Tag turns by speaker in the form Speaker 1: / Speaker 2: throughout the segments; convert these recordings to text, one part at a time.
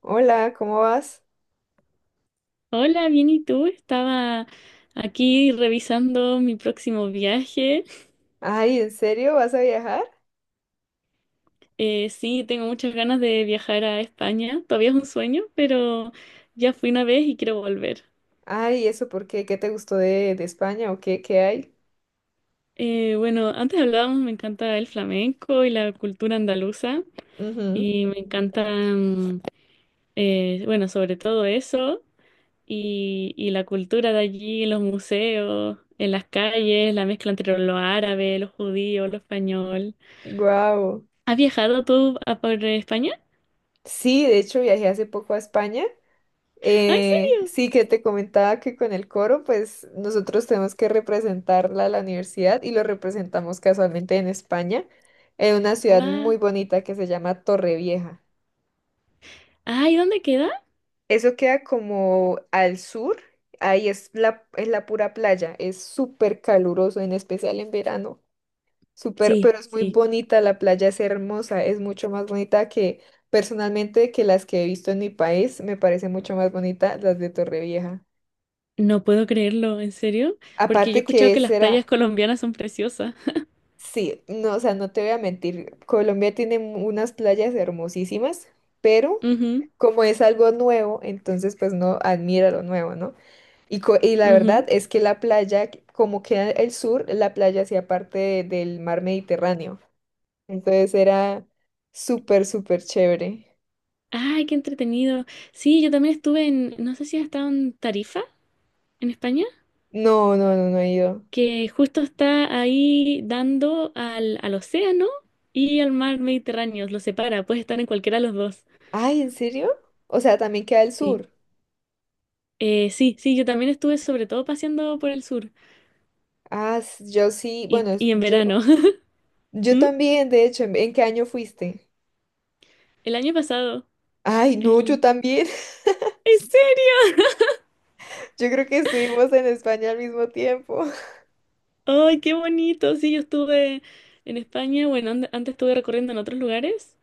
Speaker 1: Hola, ¿cómo vas?
Speaker 2: Hola, bien, ¿y tú? Estaba aquí revisando mi próximo viaje.
Speaker 1: Ay, ¿en serio vas a viajar?
Speaker 2: Sí, tengo muchas ganas de viajar a España. Todavía es un sueño, pero ya fui una vez y quiero volver.
Speaker 1: Ay, ¿eso por qué? ¿Qué te gustó de España o qué hay?
Speaker 2: Bueno, antes hablábamos, me encanta el flamenco y la cultura andaluza y me encanta, bueno, sobre todo eso y la cultura de allí, los museos, en las calles, la mezcla entre lo árabe, lo judío, lo español.
Speaker 1: Wow.
Speaker 2: ¿Has viajado tú a por España?
Speaker 1: Sí, de hecho viajé hace poco a España.
Speaker 2: Ah, ¿en serio?
Speaker 1: Sí, que te comentaba que con el coro, pues nosotros tenemos que representarla a la universidad y lo representamos casualmente en España, en una ciudad
Speaker 2: ¡Guau!
Speaker 1: muy bonita que se llama Torrevieja.
Speaker 2: Ah, ¿y dónde queda?
Speaker 1: Eso queda como al sur, ahí es la pura playa, es súper caluroso, en especial en verano, súper,
Speaker 2: Sí,
Speaker 1: pero es muy
Speaker 2: sí.
Speaker 1: bonita, la playa es hermosa, es mucho más bonita que personalmente que las que he visto en mi país, me parece mucho más bonita las de Torrevieja.
Speaker 2: No puedo creerlo, ¿en serio? Porque yo he
Speaker 1: Aparte
Speaker 2: escuchado
Speaker 1: que
Speaker 2: que las
Speaker 1: será,
Speaker 2: playas colombianas son preciosas.
Speaker 1: sí, no, o sea, no te voy a mentir, Colombia tiene unas playas hermosísimas, pero
Speaker 2: Ujú,
Speaker 1: como es algo nuevo, entonces pues no admira lo nuevo, ¿no? Y la verdad
Speaker 2: ujú.
Speaker 1: es que la playa, como queda el sur, la playa hacía parte del mar Mediterráneo. Entonces era súper, súper chévere.
Speaker 2: Ay, qué entretenido. Sí, yo también estuve no sé si has estado en Tarifa, en España,
Speaker 1: No, no, no, no he ido.
Speaker 2: que justo está ahí dando al océano y al mar Mediterráneo, lo separa, puedes estar en cualquiera de los dos.
Speaker 1: Ay, ¿en serio? O sea, también queda el
Speaker 2: Sí.
Speaker 1: sur.
Speaker 2: Sí, sí, yo también estuve sobre todo paseando por el sur
Speaker 1: Ah, yo sí,
Speaker 2: y,
Speaker 1: bueno,
Speaker 2: y en verano.
Speaker 1: yo, yo
Speaker 2: ¿Mm?
Speaker 1: también, de hecho, ¿en qué año fuiste?
Speaker 2: El año pasado,
Speaker 1: Ay, no, yo
Speaker 2: el...
Speaker 1: también.
Speaker 2: ¿En serio?
Speaker 1: Yo creo que estuvimos en España al mismo tiempo.
Speaker 2: ¡Ay, qué bonito! Sí, yo estuve en España, bueno, antes estuve recorriendo en otros lugares,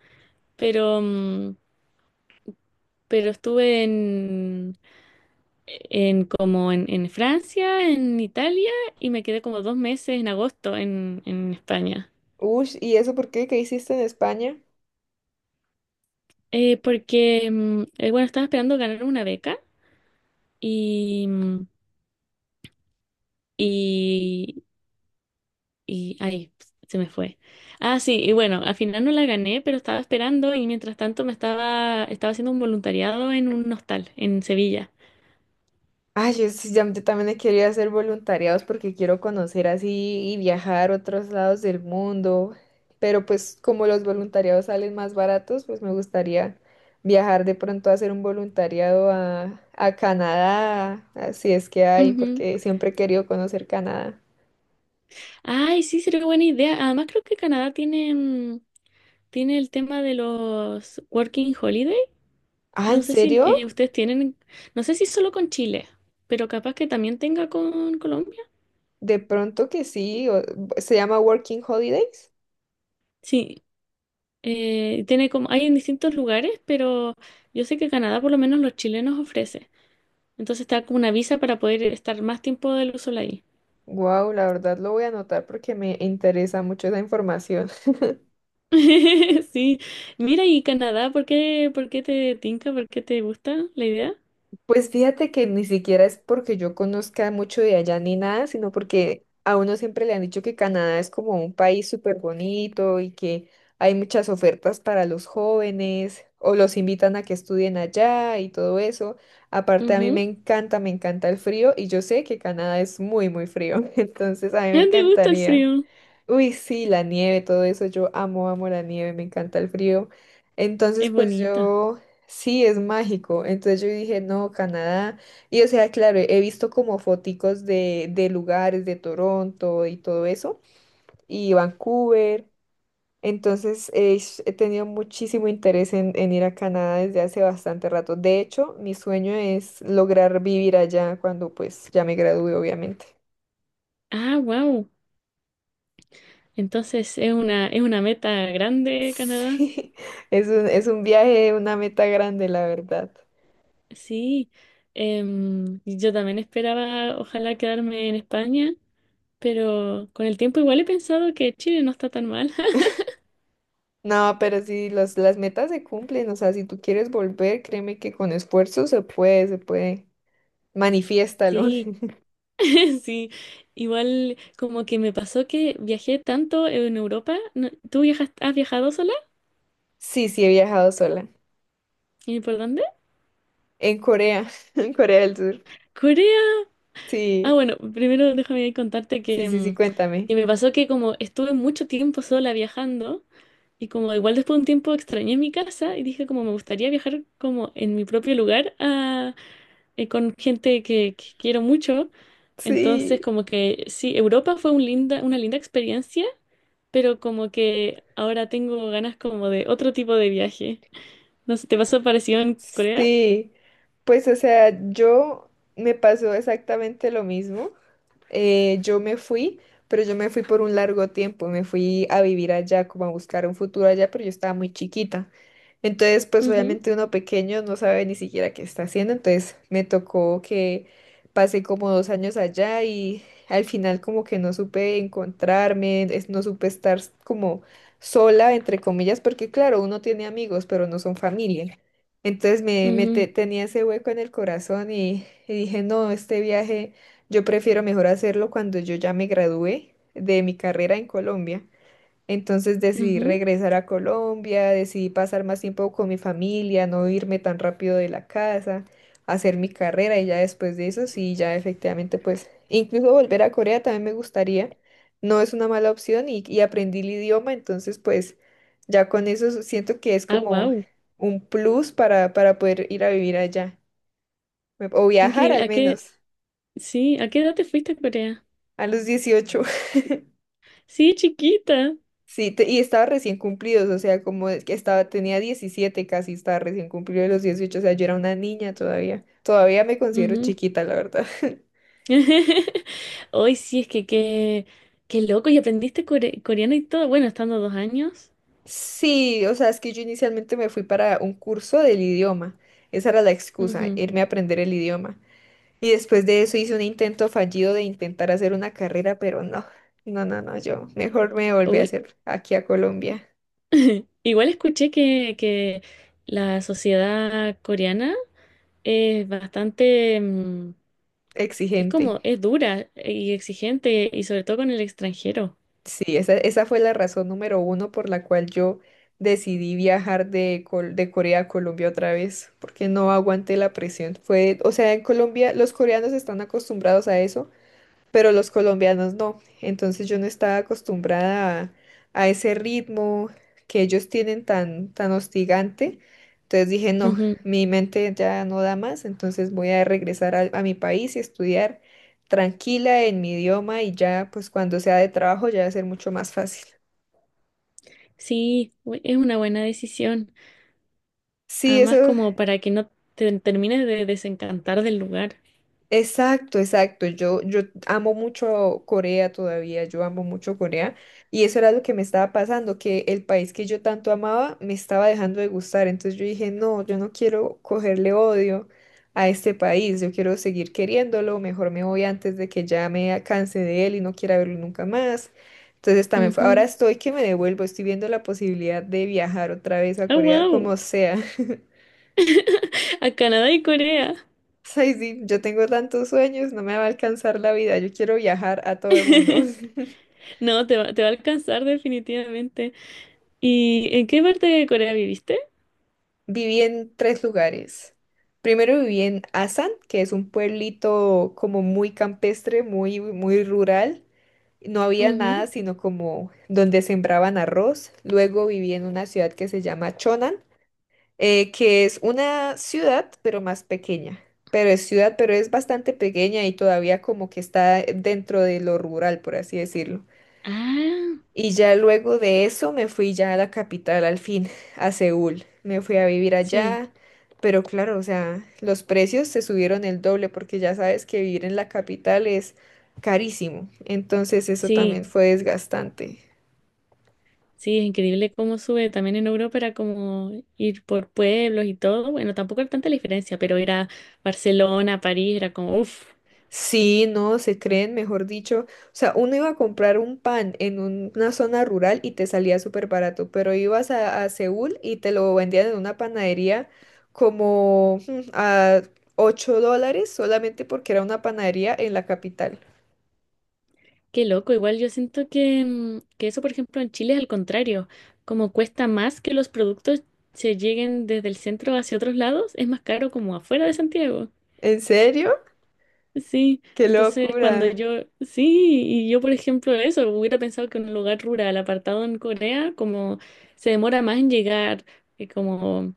Speaker 2: pero, mm, pero estuve en como en Francia, en Italia, y me quedé como 2 meses en agosto en España.
Speaker 1: Uy, ¿y eso por qué? ¿Qué hiciste en España?
Speaker 2: Porque, bueno, estaba esperando ganar una beca y, mm, y Y ahí se me fue. Ah, sí, y bueno, al final no la gané, pero estaba esperando y mientras tanto me estaba haciendo un voluntariado en un hostal en Sevilla.
Speaker 1: Ay, yo, sí, yo también he querido hacer voluntariados porque quiero conocer así y viajar a otros lados del mundo, pero pues como los voluntariados salen más baratos, pues me gustaría viajar de pronto a hacer un voluntariado a Canadá, así es que hay,
Speaker 2: Ujú.
Speaker 1: porque siempre he querido conocer Canadá.
Speaker 2: Ay, sí, sería buena idea. Además, creo que Canadá tiene, tiene el tema de los Working Holiday.
Speaker 1: Ah,
Speaker 2: No
Speaker 1: ¿en
Speaker 2: sé si
Speaker 1: serio?
Speaker 2: ustedes tienen, no sé si solo con Chile, pero capaz que también tenga con Colombia.
Speaker 1: De pronto que sí, se llama Working Holidays.
Speaker 2: Sí, tiene como, hay en distintos lugares, pero yo sé que Canadá por lo menos los chilenos ofrece. Entonces te da como una visa para poder estar más tiempo del sol ahí.
Speaker 1: Wow, la verdad lo voy a anotar porque me interesa mucho esa información.
Speaker 2: Sí. Mira, y Canadá, ¿por qué te tinca? ¿Por qué te gusta la idea?
Speaker 1: Pues fíjate que ni siquiera es porque yo conozca mucho de allá ni nada, sino porque a uno siempre le han dicho que Canadá es como un país súper bonito y que hay muchas ofertas para los jóvenes o los invitan a que estudien allá y todo eso. Aparte a mí
Speaker 2: Ujú.
Speaker 1: me encanta el frío y yo sé que Canadá es muy, muy frío, entonces a mí me
Speaker 2: Ah, ¿te gusta el
Speaker 1: encantaría.
Speaker 2: frío?
Speaker 1: Uy, sí, la nieve, todo eso, yo amo, amo la nieve, me encanta el frío. Entonces,
Speaker 2: Es
Speaker 1: pues
Speaker 2: bonita.
Speaker 1: yo. Sí, es mágico. Entonces yo dije, no, Canadá. Y o sea, claro, he visto como foticos de lugares de Toronto y todo eso, y Vancouver. Entonces he tenido muchísimo interés en ir a Canadá desde hace bastante rato. De hecho, mi sueño es lograr vivir allá cuando pues ya me gradúe, obviamente.
Speaker 2: Ah, wow. Entonces es una meta grande, Canadá.
Speaker 1: Sí, es un viaje, una meta grande, la verdad.
Speaker 2: Sí. Yo también esperaba, ojalá, quedarme en España, pero con el tiempo igual he pensado que Chile no está tan mal.
Speaker 1: No, pero si las metas se cumplen, o sea, si tú quieres volver, créeme que con esfuerzo se puede, se puede. Manifiéstalo.
Speaker 2: Sí. Sí, igual como que me pasó que viajé tanto en Europa. ¿Tú viajas, has viajado sola?
Speaker 1: Sí, sí, he viajado sola.
Speaker 2: ¿Y por dónde?
Speaker 1: En Corea, en Corea del Sur.
Speaker 2: Corea. Ah,
Speaker 1: Sí,
Speaker 2: bueno, primero déjame ahí contarte
Speaker 1: sí,
Speaker 2: que,
Speaker 1: sí, sí,
Speaker 2: que
Speaker 1: cuéntame.
Speaker 2: me pasó que como estuve mucho tiempo sola viajando y como igual después de un tiempo extrañé mi casa y dije como me gustaría viajar como en mi propio lugar con gente que quiero mucho. Entonces
Speaker 1: Sí,
Speaker 2: como que sí, Europa fue una linda experiencia pero como que ahora tengo ganas como de otro tipo de viaje. No sé, ¿te pasó parecido en Corea?
Speaker 1: sí. Pues, o sea, yo me pasó exactamente lo mismo. Yo me fui, pero yo me fui por un largo tiempo. Me fui a vivir allá, como a buscar un futuro allá, pero yo estaba muy chiquita. Entonces, pues
Speaker 2: Ujú,
Speaker 1: obviamente uno pequeño no sabe ni siquiera qué está haciendo, entonces me tocó que pasé como 2 años allá y al final como que no supe encontrarme, no supe estar como sola, entre comillas, porque claro, uno tiene amigos, pero no son familia. Entonces me
Speaker 2: ujú,
Speaker 1: tenía ese hueco en el corazón y dije, no, este viaje yo prefiero mejor hacerlo cuando yo ya me gradué de mi carrera en Colombia. Entonces decidí
Speaker 2: ujú.
Speaker 1: regresar a Colombia, decidí pasar más tiempo con mi familia, no irme tan rápido de la casa, hacer mi carrera y ya después de eso sí, ya efectivamente pues incluso volver a Corea también me gustaría, no es una mala opción y aprendí el idioma, entonces pues ya con eso siento que es
Speaker 2: Ah,
Speaker 1: como
Speaker 2: wow,
Speaker 1: un plus para poder ir a vivir allá o
Speaker 2: qué
Speaker 1: viajar
Speaker 2: increíble.
Speaker 1: al
Speaker 2: ¿A qué,
Speaker 1: menos.
Speaker 2: sí, ¿a qué edad te fuiste a Corea?
Speaker 1: A los 18.
Speaker 2: Sí, chiquita.
Speaker 1: Sí, y estaba recién cumplidos, o sea, como es que estaba, tenía 17 casi, estaba recién cumplido de los 18, o sea, yo era una niña todavía. Todavía me considero
Speaker 2: Ujú.
Speaker 1: chiquita, la verdad.
Speaker 2: Hoy sí, es que qué loco, y aprendiste coreano y todo, bueno, estando 2 años.
Speaker 1: Sí, o sea, es que yo inicialmente me fui para un curso del idioma. Esa era la excusa,
Speaker 2: Ujú.
Speaker 1: irme a aprender el idioma. Y después de eso hice un intento fallido de intentar hacer una carrera, pero no, no, no, no, yo mejor me volví a
Speaker 2: Uy,
Speaker 1: hacer aquí a Colombia,
Speaker 2: igual escuché que la sociedad coreana es bastante. Es
Speaker 1: exigente.
Speaker 2: como, es dura y exigente, y sobre todo con el extranjero.
Speaker 1: Sí, esa fue la razón número uno por la cual yo decidí viajar de Corea a Colombia otra vez, porque no aguanté la presión. Fue, o sea, en Colombia los coreanos están acostumbrados a eso, pero los colombianos no. Entonces yo no estaba acostumbrada a ese ritmo que ellos tienen tan, tan hostigante. Entonces dije, no,
Speaker 2: Ujú.
Speaker 1: mi mente ya no da más, entonces voy a regresar a mi país y estudiar tranquila en mi idioma y ya, pues cuando sea de trabajo ya va a ser mucho más fácil.
Speaker 2: Sí, es una buena decisión.
Speaker 1: Sí,
Speaker 2: Además,
Speaker 1: eso.
Speaker 2: como para que no te termines de desencantar del lugar.
Speaker 1: Exacto, exacto. Yo amo mucho Corea todavía, yo amo mucho Corea. Y eso era lo que me estaba pasando, que el país que yo tanto amaba me estaba dejando de gustar. Entonces yo dije, no, yo no quiero cogerle odio a este país, yo quiero seguir queriéndolo, mejor me voy antes de que ya me canse de él y no quiera verlo nunca más. Entonces también ahora
Speaker 2: Ujú.
Speaker 1: estoy que me devuelvo, estoy viendo la posibilidad de viajar otra vez a
Speaker 2: ¡Ah,
Speaker 1: Corea,
Speaker 2: wow!
Speaker 1: como sea.
Speaker 2: A Canadá y Corea.
Speaker 1: Ay, sí, yo tengo tantos sueños, no me va a alcanzar la vida. Yo quiero viajar a todo el mundo.
Speaker 2: No, te va a alcanzar definitivamente. ¿Y en qué parte de Corea viviste?
Speaker 1: Viví en tres lugares. Primero viví en Asan, que es un pueblito como muy campestre, muy, muy rural. No había nada
Speaker 2: Ujú.
Speaker 1: sino como donde sembraban arroz. Luego viví en una ciudad que se llama Chonan, que es una ciudad pero más pequeña. Pero es ciudad, pero es bastante pequeña y todavía como que está dentro de lo rural, por así decirlo.
Speaker 2: Ah,
Speaker 1: Y ya luego de eso me fui ya a la capital al fin, a Seúl. Me fui a vivir
Speaker 2: sí,
Speaker 1: allá, pero claro, o sea, los precios se subieron el doble porque ya sabes que vivir en la capital es carísimo. Entonces eso
Speaker 2: sí.
Speaker 1: también fue desgastante.
Speaker 2: Sí, es increíble cómo sube. También en Europa era como ir por pueblos y todo. Bueno, tampoco hay tanta diferencia, pero ir a Barcelona, París, era como, uff,
Speaker 1: Sí, no, se creen, mejor dicho. O sea, uno iba a comprar un pan en una zona rural y te salía súper barato, pero ibas a Seúl y te lo vendían en una panadería como a $8 solamente porque era una panadería en la capital.
Speaker 2: qué loco. Igual yo siento que, que eso, por ejemplo, en Chile es al contrario. Como cuesta más que los productos se lleguen desde el centro hacia otros lados, es más caro como afuera de Santiago.
Speaker 1: ¿En serio?
Speaker 2: Sí,
Speaker 1: ¡Qué
Speaker 2: entonces cuando
Speaker 1: locura!
Speaker 2: yo, sí, y yo por ejemplo eso, hubiera pensado que en un lugar rural, apartado en Corea, como se demora más en llegar, que como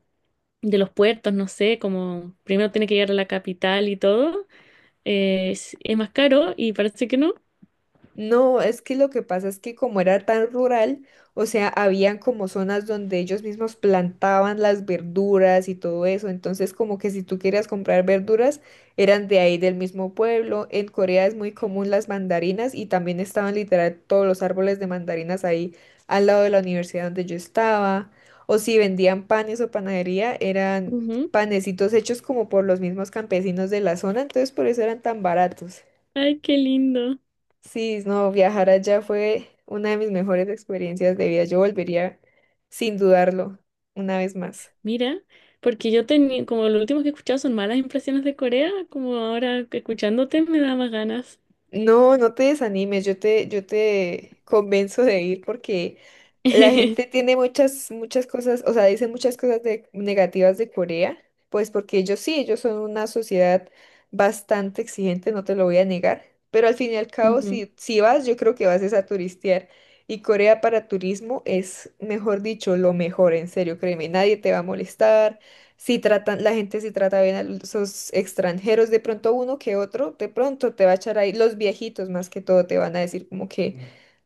Speaker 2: de los puertos, no sé, como primero tiene que llegar a la capital y todo, es más caro y parece que no.
Speaker 1: No, es que lo que pasa es que como era tan rural, o sea, habían como zonas donde ellos mismos plantaban las verduras y todo eso, entonces como que si tú querías comprar verduras, eran de ahí del mismo pueblo. En Corea es muy común las mandarinas y también estaban literal todos los árboles de mandarinas ahí al lado de la universidad donde yo estaba. O si vendían panes o panadería, eran
Speaker 2: Ujú.
Speaker 1: panecitos hechos como por los mismos campesinos de la zona, entonces por eso eran tan baratos.
Speaker 2: Ay, qué lindo.
Speaker 1: Sí, no, viajar allá fue una de mis mejores experiencias de vida. Yo volvería sin dudarlo una vez más.
Speaker 2: Mira, porque yo tenía, como lo último que he escuchado son malas impresiones de Corea, como ahora que escuchándote me da más ganas.
Speaker 1: No, no te desanimes, yo te, convenzo de ir porque la gente tiene muchas, muchas cosas, o sea, dice muchas cosas negativas de Corea, pues porque ellos sí, ellos son una sociedad bastante exigente, no te lo voy a negar, pero al fin y al cabo,
Speaker 2: Ujú,
Speaker 1: si vas, yo creo que vas es a turistear. Y Corea para turismo es, mejor dicho, lo mejor, en serio, créeme, nadie te va a molestar. Si tratan, la gente si trata bien a los extranjeros, de pronto uno que otro, de pronto te va a echar ahí, los viejitos más que todo te van a decir como que,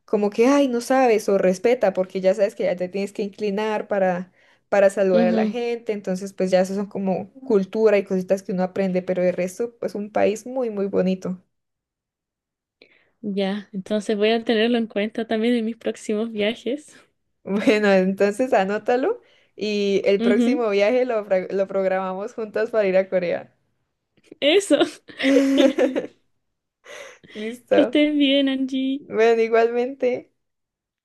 Speaker 1: como que, ay, no sabes o respeta, porque ya sabes que ya te tienes que inclinar para saludar a la
Speaker 2: ujú.
Speaker 1: gente, entonces pues ya eso son como cultura y cositas que uno aprende, pero de resto pues un país muy, muy bonito.
Speaker 2: Ya, entonces voy a tenerlo en cuenta también en mis próximos viajes.
Speaker 1: Bueno, entonces anótalo y el
Speaker 2: Ujú,
Speaker 1: próximo viaje lo programamos juntas para ir a Corea.
Speaker 2: eso, genial. Que
Speaker 1: Listo.
Speaker 2: estés bien, Angie.
Speaker 1: Bueno, igualmente.